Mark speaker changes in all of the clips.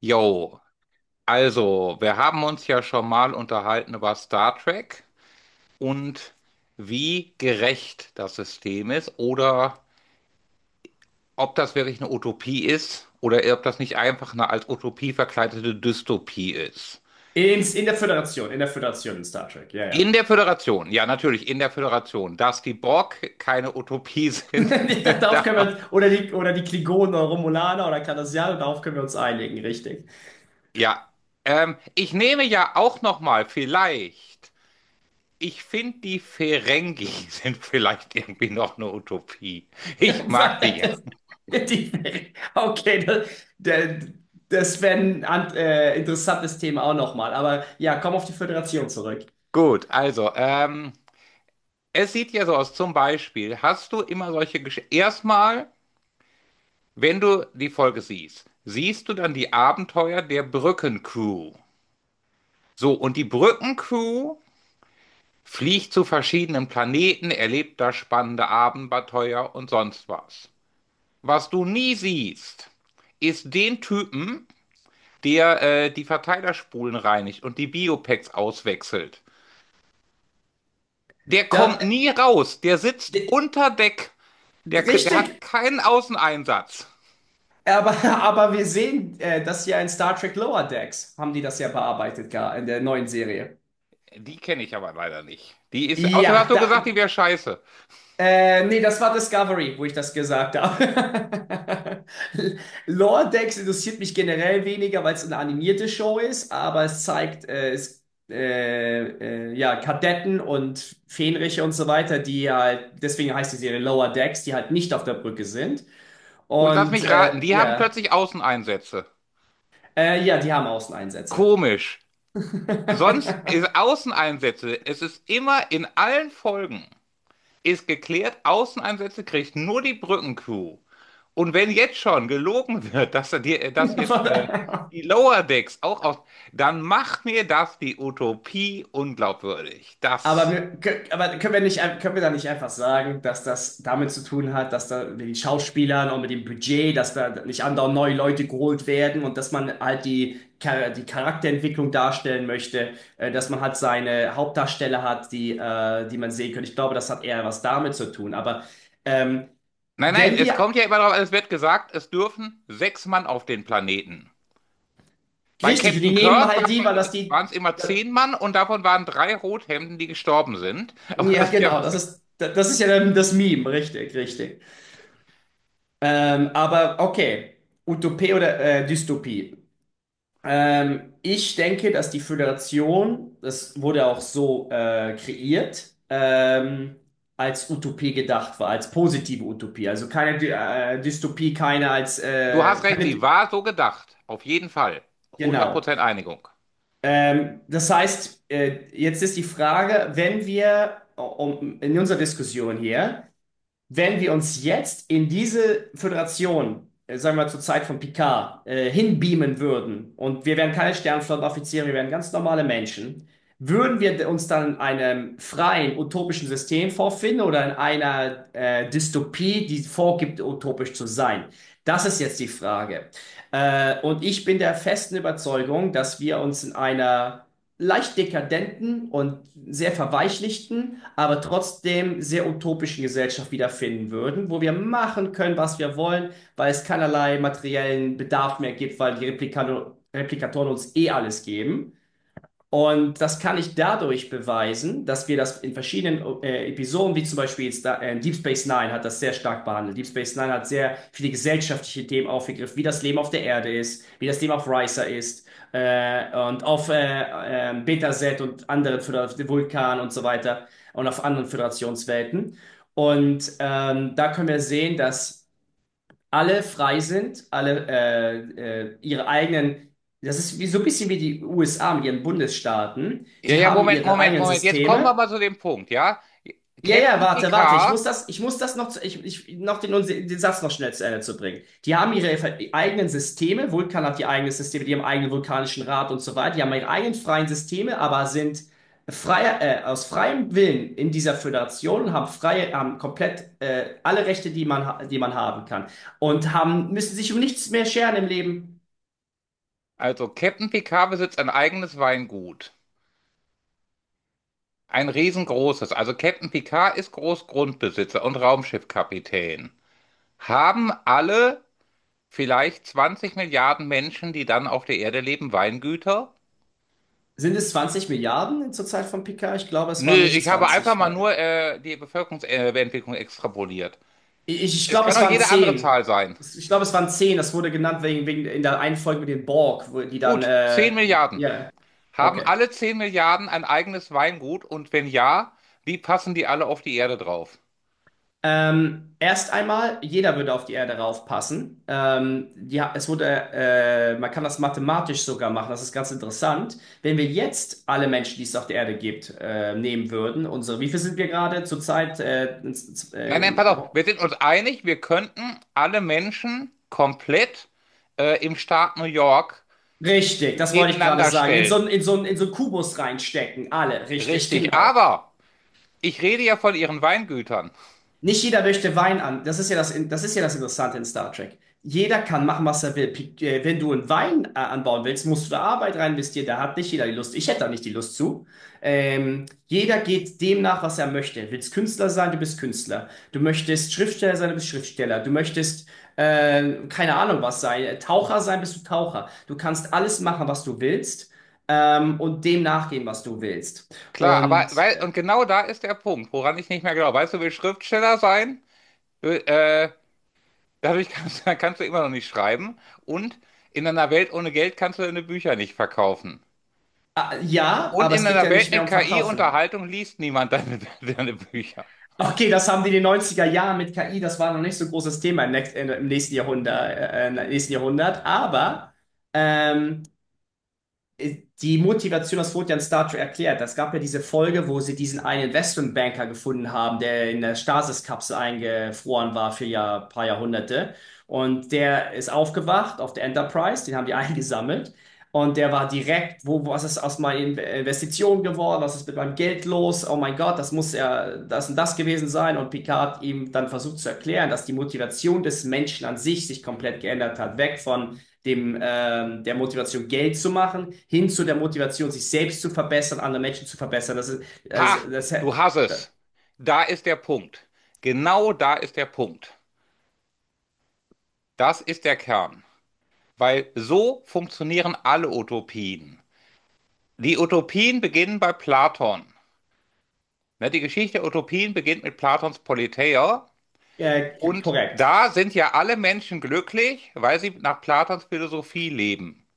Speaker 1: Jo, also, wir haben uns ja schon mal unterhalten über Star Trek und wie gerecht das System ist oder ob das wirklich eine Utopie ist oder ob das nicht einfach eine als Utopie verkleidete Dystopie ist.
Speaker 2: In der Föderation, in der Föderation in Star Trek, ja,
Speaker 1: In
Speaker 2: ja.
Speaker 1: der Föderation, ja, natürlich, in der Föderation, dass die Borg keine Utopie sind,
Speaker 2: Da- Darauf können
Speaker 1: da,
Speaker 2: wir, oder die Klingonen oder Romulaner oder Cardassianer, darauf können wir uns einigen, richtig.
Speaker 1: ja. Ich nehme ja auch noch mal vielleicht. Ich finde, die Ferengi sind vielleicht irgendwie noch eine Utopie. Ich mag die ja.
Speaker 2: Das- Die- Okay, das, der- das wäre ein interessantes Thema auch nochmal, aber ja, komm auf die Föderation zurück.
Speaker 1: Gut, also, es sieht ja so aus, zum Beispiel, hast du immer solche Geschichten. Erstmal, wenn du die Folge siehst, siehst du dann die Abenteuer der Brückencrew. So, und die Brückencrew fliegt zu verschiedenen Planeten, erlebt da spannende Abenteuer und sonst was. Was du nie siehst, ist den Typen, der die Verteilerspulen reinigt und die Biopacks auswechselt. Der kommt
Speaker 2: Da,
Speaker 1: nie raus. Der sitzt
Speaker 2: d-
Speaker 1: unter Deck. Der hat
Speaker 2: Richtig,
Speaker 1: keinen Außeneinsatz.
Speaker 2: aber, aber wir sehen das ja in Star Trek Lower Decks, haben die das ja bearbeitet, gar in der neuen Serie.
Speaker 1: Die kenne ich aber leider nicht. Die ist, außerdem hast
Speaker 2: Ja,
Speaker 1: du
Speaker 2: da.
Speaker 1: gesagt, die wäre scheiße.
Speaker 2: Nee, das war Discovery, wo ich das gesagt habe. Lower Decks interessiert mich generell weniger, weil es eine animierte Show ist, aber es zeigt ja, Kadetten und Fähnriche und so weiter, die ja halt, deswegen heißt die Serie Lower Decks, die halt nicht auf der Brücke sind.
Speaker 1: Und lass
Speaker 2: Und
Speaker 1: mich raten, die haben
Speaker 2: ja,
Speaker 1: plötzlich Außeneinsätze.
Speaker 2: ja, die haben Außeneinsätze.
Speaker 1: Komisch. Sonst ist Außeneinsätze, es ist immer in allen Folgen, ist geklärt, Außeneinsätze kriegt nur die Brückencrew. Und wenn jetzt schon gelogen wird, dass, dass jetzt die Lower Decks auch aus, dann macht mir das die Utopie unglaubwürdig. Das.
Speaker 2: Aber, aber können wir nicht, können wir da nicht einfach sagen, dass das damit zu tun hat, dass da mit den Schauspielern und mit dem Budget, dass da nicht andauernd neue Leute geholt werden und dass man halt die, die Charakterentwicklung darstellen möchte, dass man halt seine Hauptdarsteller hat, die, die man sehen kann. Ich glaube, das hat eher was damit zu tun. Aber ähm,
Speaker 1: Nein, nein,
Speaker 2: wenn
Speaker 1: es
Speaker 2: wir,
Speaker 1: kommt ja immer darauf an, es wird gesagt, es dürfen 6 Mann auf den Planeten. Bei
Speaker 2: richtig, und die
Speaker 1: Captain
Speaker 2: nehmen
Speaker 1: Kirk war,
Speaker 2: halt die, weil
Speaker 1: waren es immer
Speaker 2: das,
Speaker 1: 10 Mann und davon waren drei Rothemden, die gestorben sind. Aber
Speaker 2: ja
Speaker 1: das ist ja
Speaker 2: genau,
Speaker 1: was.
Speaker 2: das ist ja dann das Meme, richtig, richtig. Aber okay, Utopie oder Dystopie. Ich denke, dass die Föderation, das wurde auch so kreiert, als Utopie gedacht war, als positive Utopie. Also keine Dy Dystopie, keine als
Speaker 1: Du hast recht,
Speaker 2: keine
Speaker 1: sie
Speaker 2: Dy
Speaker 1: war so gedacht. Auf jeden Fall. hundert
Speaker 2: genau.
Speaker 1: Prozent Einigung.
Speaker 2: Das heißt, jetzt ist die Frage, wenn wir in unserer Diskussion hier, wenn wir uns jetzt in diese Föderation, sagen wir mal zur Zeit von Picard, hinbeamen würden, und wir wären keine Sternflottenoffiziere, wir wären ganz normale Menschen, würden wir uns dann in einem freien, utopischen System vorfinden oder in einer Dystopie, die vorgibt, utopisch zu sein? Das ist jetzt die Frage. Und ich bin der festen Überzeugung, dass wir uns in einer leicht dekadenten und sehr verweichlichten, aber trotzdem sehr utopischen Gesellschaft wiederfinden würden, wo wir machen können, was wir wollen, weil es keinerlei materiellen Bedarf mehr gibt, weil die Replikatoren uns eh alles geben. Und das kann ich dadurch beweisen, dass wir das in verschiedenen Episoden, wie zum Beispiel jetzt da, Deep Space Nine hat das sehr stark behandelt. Deep Space Nine hat sehr viele gesellschaftliche Themen aufgegriffen, wie das Leben auf der Erde ist, wie das Leben auf Risa ist, und auf Beta Set und anderen Vulkan und so weiter und auf anderen Föderationswelten. Und da können wir sehen, dass alle frei sind, das ist wie, so ein bisschen wie die USA mit ihren Bundesstaaten,
Speaker 1: Ja,
Speaker 2: die
Speaker 1: ja,
Speaker 2: haben
Speaker 1: Moment,
Speaker 2: ihre
Speaker 1: Moment,
Speaker 2: eigenen
Speaker 1: Moment. Jetzt kommen wir
Speaker 2: Systeme.
Speaker 1: mal zu dem Punkt, ja?
Speaker 2: Ja, ja,
Speaker 1: Captain
Speaker 2: warte, warte.
Speaker 1: Picard,
Speaker 2: Ich muss das noch, noch den, den Satz noch schnell zu Ende zu bringen. Die haben eigenen Systeme. Vulkan hat die eigenen Systeme, die haben eigenen vulkanischen Rat und so weiter. Die haben ihre eigenen freien Systeme, aber sind freier, aus freiem Willen in dieser Föderation und haben freie, haben komplett alle Rechte, die man haben kann und haben müssen sich um nichts mehr scheren im Leben.
Speaker 1: also Captain Picard besitzt ein eigenes Weingut. Ein riesengroßes. Also Captain Picard ist Großgrundbesitzer und Raumschiffkapitän. Haben alle vielleicht 20 Milliarden Menschen, die dann auf der Erde leben, Weingüter?
Speaker 2: Sind es 20 Milliarden zur Zeit von Picard? Ich glaube, es
Speaker 1: Nö,
Speaker 2: waren nicht
Speaker 1: ich habe einfach
Speaker 2: 20.
Speaker 1: mal nur die Bevölkerungsentwicklung extrapoliert.
Speaker 2: Ich, ich
Speaker 1: Es
Speaker 2: glaube,
Speaker 1: kann
Speaker 2: es
Speaker 1: auch
Speaker 2: waren
Speaker 1: jede andere
Speaker 2: 10.
Speaker 1: Zahl sein.
Speaker 2: Ich glaube, es waren zehn. Das wurde genannt wegen, wegen in der einen Folge mit den Borg, wo die dann.
Speaker 1: Gut, zehn Milliarden.
Speaker 2: Ja,
Speaker 1: Haben
Speaker 2: okay.
Speaker 1: alle 10 Milliarden ein eigenes Weingut? Und wenn ja, wie passen die alle auf die Erde drauf?
Speaker 2: Erst einmal, jeder würde auf die Erde raufpassen. Ja, es wurde, man kann das mathematisch sogar machen, das ist ganz interessant. Wenn wir jetzt alle Menschen, die es auf der Erde gibt, nehmen würden, unsere, wie viel sind wir gerade zurzeit?
Speaker 1: Nein, nein, pass auf,
Speaker 2: Ja.
Speaker 1: wir sind uns einig, wir könnten alle Menschen komplett im Staat New York
Speaker 2: Richtig, das wollte ich gerade
Speaker 1: nebeneinander
Speaker 2: sagen.
Speaker 1: stellen.
Speaker 2: In so einen Kubus reinstecken, alle, richtig,
Speaker 1: Richtig,
Speaker 2: genau.
Speaker 1: aber ich rede ja von ihren Weingütern.
Speaker 2: Nicht jeder möchte Wein an. Das ist ja das Interessante in Star Trek. Jeder kann machen, was er will. Wenn du einen Wein anbauen willst, musst du da Arbeit rein investieren. Da hat nicht jeder die Lust. Ich hätte da nicht die Lust zu. Jeder geht dem nach, was er möchte. Willst Künstler sein, du bist Künstler. Du möchtest Schriftsteller sein, du bist Schriftsteller. Keine Ahnung was sein, Taucher sein, bist du Taucher. Du kannst alles machen, was du willst, und dem nachgehen, was du willst.
Speaker 1: Klar, aber
Speaker 2: Und
Speaker 1: weil, und genau da ist der Punkt, woran ich nicht mehr glaube. Weißt du, will Schriftsteller sein? Will, dadurch kannst, kannst du immer noch nicht schreiben. Und in einer Welt ohne Geld kannst du deine Bücher nicht verkaufen.
Speaker 2: ja,
Speaker 1: Und
Speaker 2: aber
Speaker 1: in
Speaker 2: es geht
Speaker 1: einer
Speaker 2: ja
Speaker 1: Welt
Speaker 2: nicht mehr
Speaker 1: mit
Speaker 2: um Verkaufen.
Speaker 1: KI-Unterhaltung liest niemand deine, deine Bücher.
Speaker 2: Okay, das haben die in den neunziger Jahren mit KI, das war noch nicht so ein großes Thema im nächsten Jahrhundert, im nächsten Jahrhundert. Aber ähm, die Motivation, das wurde ja in Star Trek erklärt. Es gab ja diese Folge, wo sie diesen einen Investmentbanker gefunden haben, der in der Stasis-Kapsel eingefroren war für ja paar Jahrhunderte. Und der ist aufgewacht auf der Enterprise, den haben die eingesammelt. Und der war direkt, wo, was ist aus meiner Investition geworden? Was ist mit meinem Geld los? Oh mein Gott, das muss ja das und das gewesen sein. Und Picard hat ihm dann versucht zu erklären, dass die Motivation des Menschen an sich sich komplett geändert hat. Weg von dem, der Motivation Geld zu machen, hin zu der Motivation, sich selbst zu verbessern, andere Menschen zu verbessern. Das ist,
Speaker 1: Ha,
Speaker 2: also, das,
Speaker 1: du hast
Speaker 2: da-
Speaker 1: es. Da ist der Punkt. Genau da ist der Punkt. Das ist der Kern. Weil so funktionieren alle Utopien. Die Utopien beginnen bei Platon. Ne, die Geschichte der Utopien beginnt mit Platons Politeia. Und
Speaker 2: korrekt.
Speaker 1: da sind ja alle Menschen glücklich, weil sie nach Platons Philosophie leben.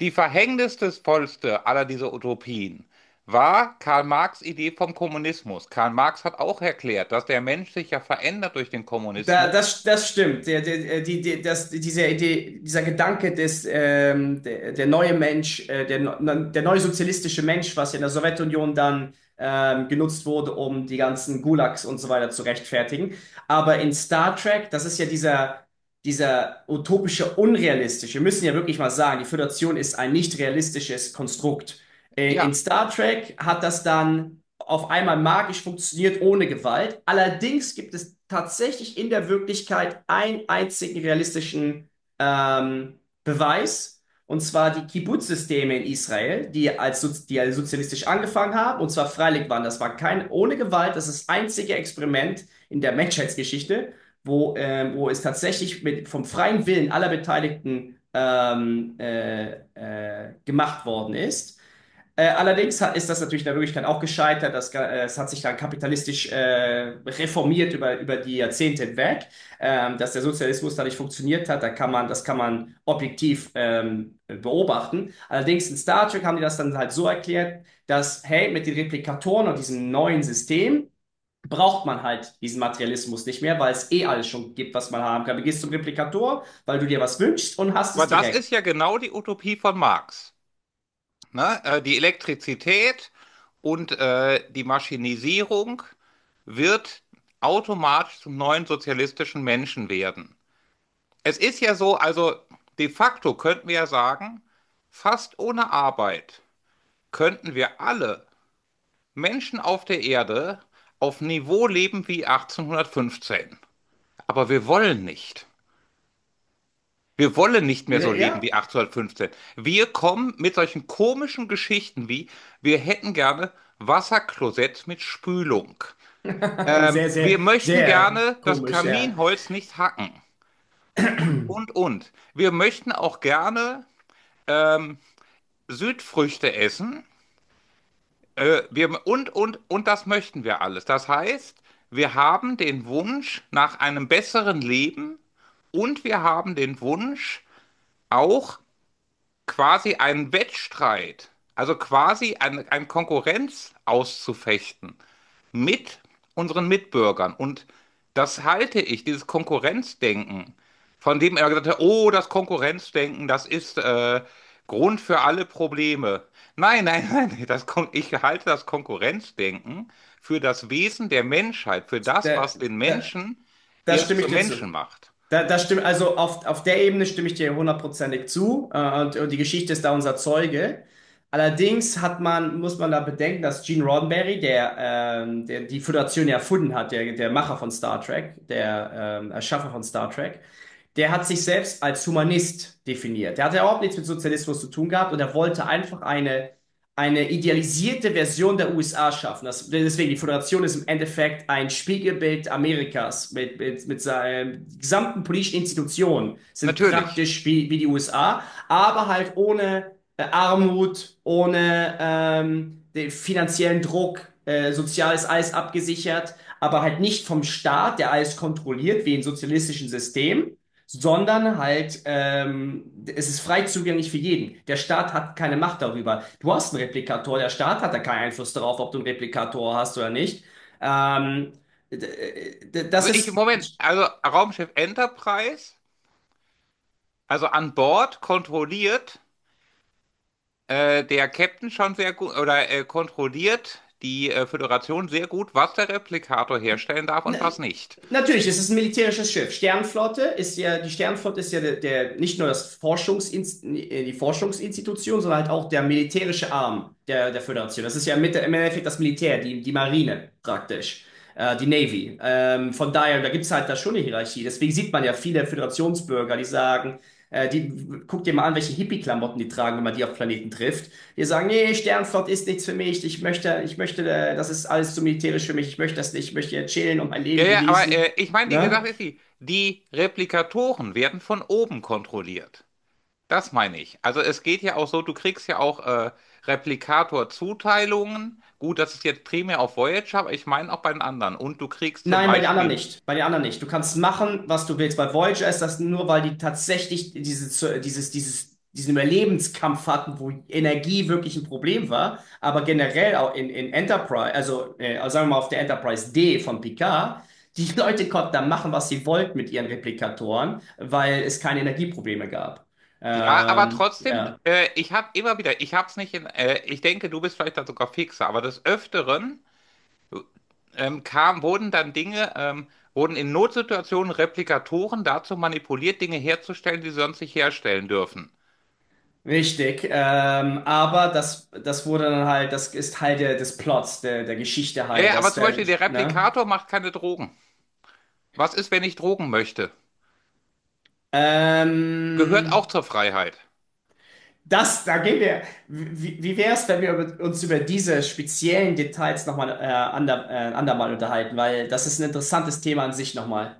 Speaker 1: Die verhängnisvollste aller dieser Utopien war Karl Marx' Idee vom Kommunismus. Karl Marx hat auch erklärt, dass der Mensch sich ja verändert durch den Kommunismus.
Speaker 2: Das stimmt. Der, der, die, die, das, diese Idee, dieser Gedanke der neue Mensch, der neue sozialistische Mensch, was ja in der Sowjetunion dann genutzt wurde, um die ganzen Gulags und so weiter zu rechtfertigen. Aber in Star Trek, das ist ja dieser, dieser utopische, unrealistische, wir müssen ja wirklich mal sagen, die Föderation ist ein nicht realistisches Konstrukt. In
Speaker 1: Ja,
Speaker 2: Star Trek hat das dann auf einmal magisch funktioniert ohne Gewalt. Allerdings gibt es tatsächlich in der Wirklichkeit einen einzigen realistischen ähm, Beweis, und zwar die Kibbutz-Systeme in Israel, die als sozialistisch angefangen haben, und zwar freiwillig waren. Das war kein ohne Gewalt, das ist das einzige Experiment in der Menschheitsgeschichte, wo, wo es tatsächlich mit, vom freien Willen aller Beteiligten gemacht worden ist. Allerdings ist das natürlich in der Wirklichkeit auch gescheitert. Es hat sich dann kapitalistisch reformiert über die Jahrzehnte hinweg. Dass der Sozialismus da nicht funktioniert hat, das kann man objektiv beobachten. Allerdings in Star Trek haben die das dann halt so erklärt, dass, hey, mit den Replikatoren und diesem neuen System braucht man halt diesen Materialismus nicht mehr, weil es eh alles schon gibt, was man haben kann. Du gehst zum Replikator, weil du dir was wünschst und hast
Speaker 1: aber
Speaker 2: es
Speaker 1: das
Speaker 2: direkt.
Speaker 1: ist ja genau die Utopie von Marx. Ne? Die Elektrizität und die Maschinisierung wird automatisch zum neuen sozialistischen Menschen werden. Es ist ja so, also de facto könnten wir ja sagen, fast ohne Arbeit könnten wir alle Menschen auf der Erde auf Niveau leben wie 1815. Aber wir wollen nicht. Wir wollen nicht mehr so leben
Speaker 2: Ja,
Speaker 1: wie 1815. Wir kommen mit solchen komischen Geschichten wie, wir hätten gerne Wasserklosett mit Spülung.
Speaker 2: sehr,
Speaker 1: Wir
Speaker 2: sehr,
Speaker 1: möchten
Speaker 2: sehr
Speaker 1: gerne das
Speaker 2: komisch, ja.
Speaker 1: Kaminholz nicht hacken. Und, und. Wir möchten auch gerne ähm, Südfrüchte essen. Wir, und das möchten wir alles. Das heißt, wir haben den Wunsch nach einem besseren Leben und wir haben den Wunsch auch quasi einen Wettstreit, also quasi ein Konkurrenz auszufechten mit unseren Mitbürgern. Und das halte ich, dieses Konkurrenzdenken, von dem er gesagt hat, oh, das Konkurrenzdenken, das ist Grund für alle Probleme. Nein, nein, nein, das, ich halte das Konkurrenzdenken für das Wesen der Menschheit, für das,
Speaker 2: Da,
Speaker 1: was den
Speaker 2: da,
Speaker 1: Menschen
Speaker 2: da
Speaker 1: erst
Speaker 2: stimme ich
Speaker 1: zum
Speaker 2: dir zu.
Speaker 1: Menschen macht.
Speaker 2: Also auf der Ebene stimme ich dir hundertprozentig zu. Und die Geschichte ist da unser Zeuge. Allerdings muss man da bedenken, dass Gene Roddenberry, der, der die Föderation ja erfunden hat, der, der Macher von Star Trek, der Erschaffer von Star Trek, der hat sich selbst als Humanist definiert. Der hat ja überhaupt nichts mit Sozialismus zu tun gehabt und er wollte einfach eine idealisierte Version der USA schaffen. Das, deswegen, die Föderation ist im Endeffekt ein Spiegelbild Amerikas mit seinen gesamten politischen Institutionen, sind
Speaker 1: Natürlich.
Speaker 2: praktisch wie, wie die USA, aber halt ohne Armut, ohne den finanziellen Druck, sozial ist alles abgesichert, aber halt nicht vom Staat, der alles kontrolliert, wie in sozialistischen Systemen, sondern halt, es ist frei zugänglich für jeden. Der Staat hat keine Macht darüber. Du hast einen Replikator, der Staat hat da keinen Einfluss darauf, ob du einen Replikator hast oder nicht. Ähm,
Speaker 1: Also
Speaker 2: Das
Speaker 1: ich,
Speaker 2: ist.
Speaker 1: Moment, also Raumschiff Enterprise, also an Bord kontrolliert der Captain schon sehr gut oder kontrolliert die Föderation sehr gut, was der Replikator herstellen darf
Speaker 2: Na,
Speaker 1: und was nicht.
Speaker 2: natürlich, es ist ein militärisches Schiff. Die Sternflotte ist ja der, der nicht nur das Forschungsinst die Forschungsinstitution, sondern halt auch der militärische Arm der, der Föderation. Das ist ja mit, im Endeffekt das Militär, die, die Marine praktisch, die Navy. Von daher, da gibt es halt da schon eine Hierarchie. Deswegen sieht man ja viele Föderationsbürger, die sagen, guck dir mal an, welche Hippie-Klamotten die tragen, wenn man die auf Planeten trifft, die sagen, nee, Sternflott ist nichts für mich, ich möchte, das ist alles zu militärisch für mich, ich möchte das nicht, ich möchte hier chillen und mein
Speaker 1: Ja,
Speaker 2: Leben
Speaker 1: ja, aber
Speaker 2: genießen.
Speaker 1: ich meine, wie
Speaker 2: Ne?
Speaker 1: gesagt, ist die, die Replikatoren werden von oben kontrolliert. Das meine ich. Also es geht ja auch so, du kriegst ja auch Replikator-Zuteilungen. Gut, das ist jetzt primär auf Voyager, aber ich meine auch bei den anderen. Und du kriegst zum
Speaker 2: Nein, bei den anderen
Speaker 1: Beispiel.
Speaker 2: nicht. Bei den anderen nicht. Du kannst machen, was du willst. Bei Voyager ist das nur, weil die tatsächlich diesen Überlebenskampf hatten, wo Energie wirklich ein Problem war. Aber generell auch in Enterprise, also sagen wir mal auf der Enterprise D von Picard, die Leute konnten da machen, was sie wollten mit ihren Replikatoren, weil es keine Energieprobleme gab.
Speaker 1: Ja, aber trotzdem,
Speaker 2: Ja.
Speaker 1: ich habe immer wieder, ich habe es nicht in, ich denke, du bist vielleicht da sogar fixer, aber des Öfteren kam, wurden dann Dinge, wurden in Notsituationen Replikatoren dazu manipuliert, Dinge herzustellen, die sie sonst nicht herstellen dürfen.
Speaker 2: Richtig, aber das wurde dann halt, das ist Teil der, des Plots, der, der Geschichte
Speaker 1: Ja,
Speaker 2: halt,
Speaker 1: ja, aber
Speaker 2: dass
Speaker 1: zum
Speaker 2: der,
Speaker 1: Beispiel der
Speaker 2: ne?
Speaker 1: Replikator macht keine Drogen. Was ist, wenn ich Drogen möchte? Gehört auch
Speaker 2: Ähm,
Speaker 1: zur Freiheit.
Speaker 2: das, da gehen wir. Wie, wie wäre es, wenn wir uns über diese speziellen Details nochmal andermal unterhalten? Weil das ist ein interessantes Thema an sich nochmal.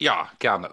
Speaker 1: Ja, gerne.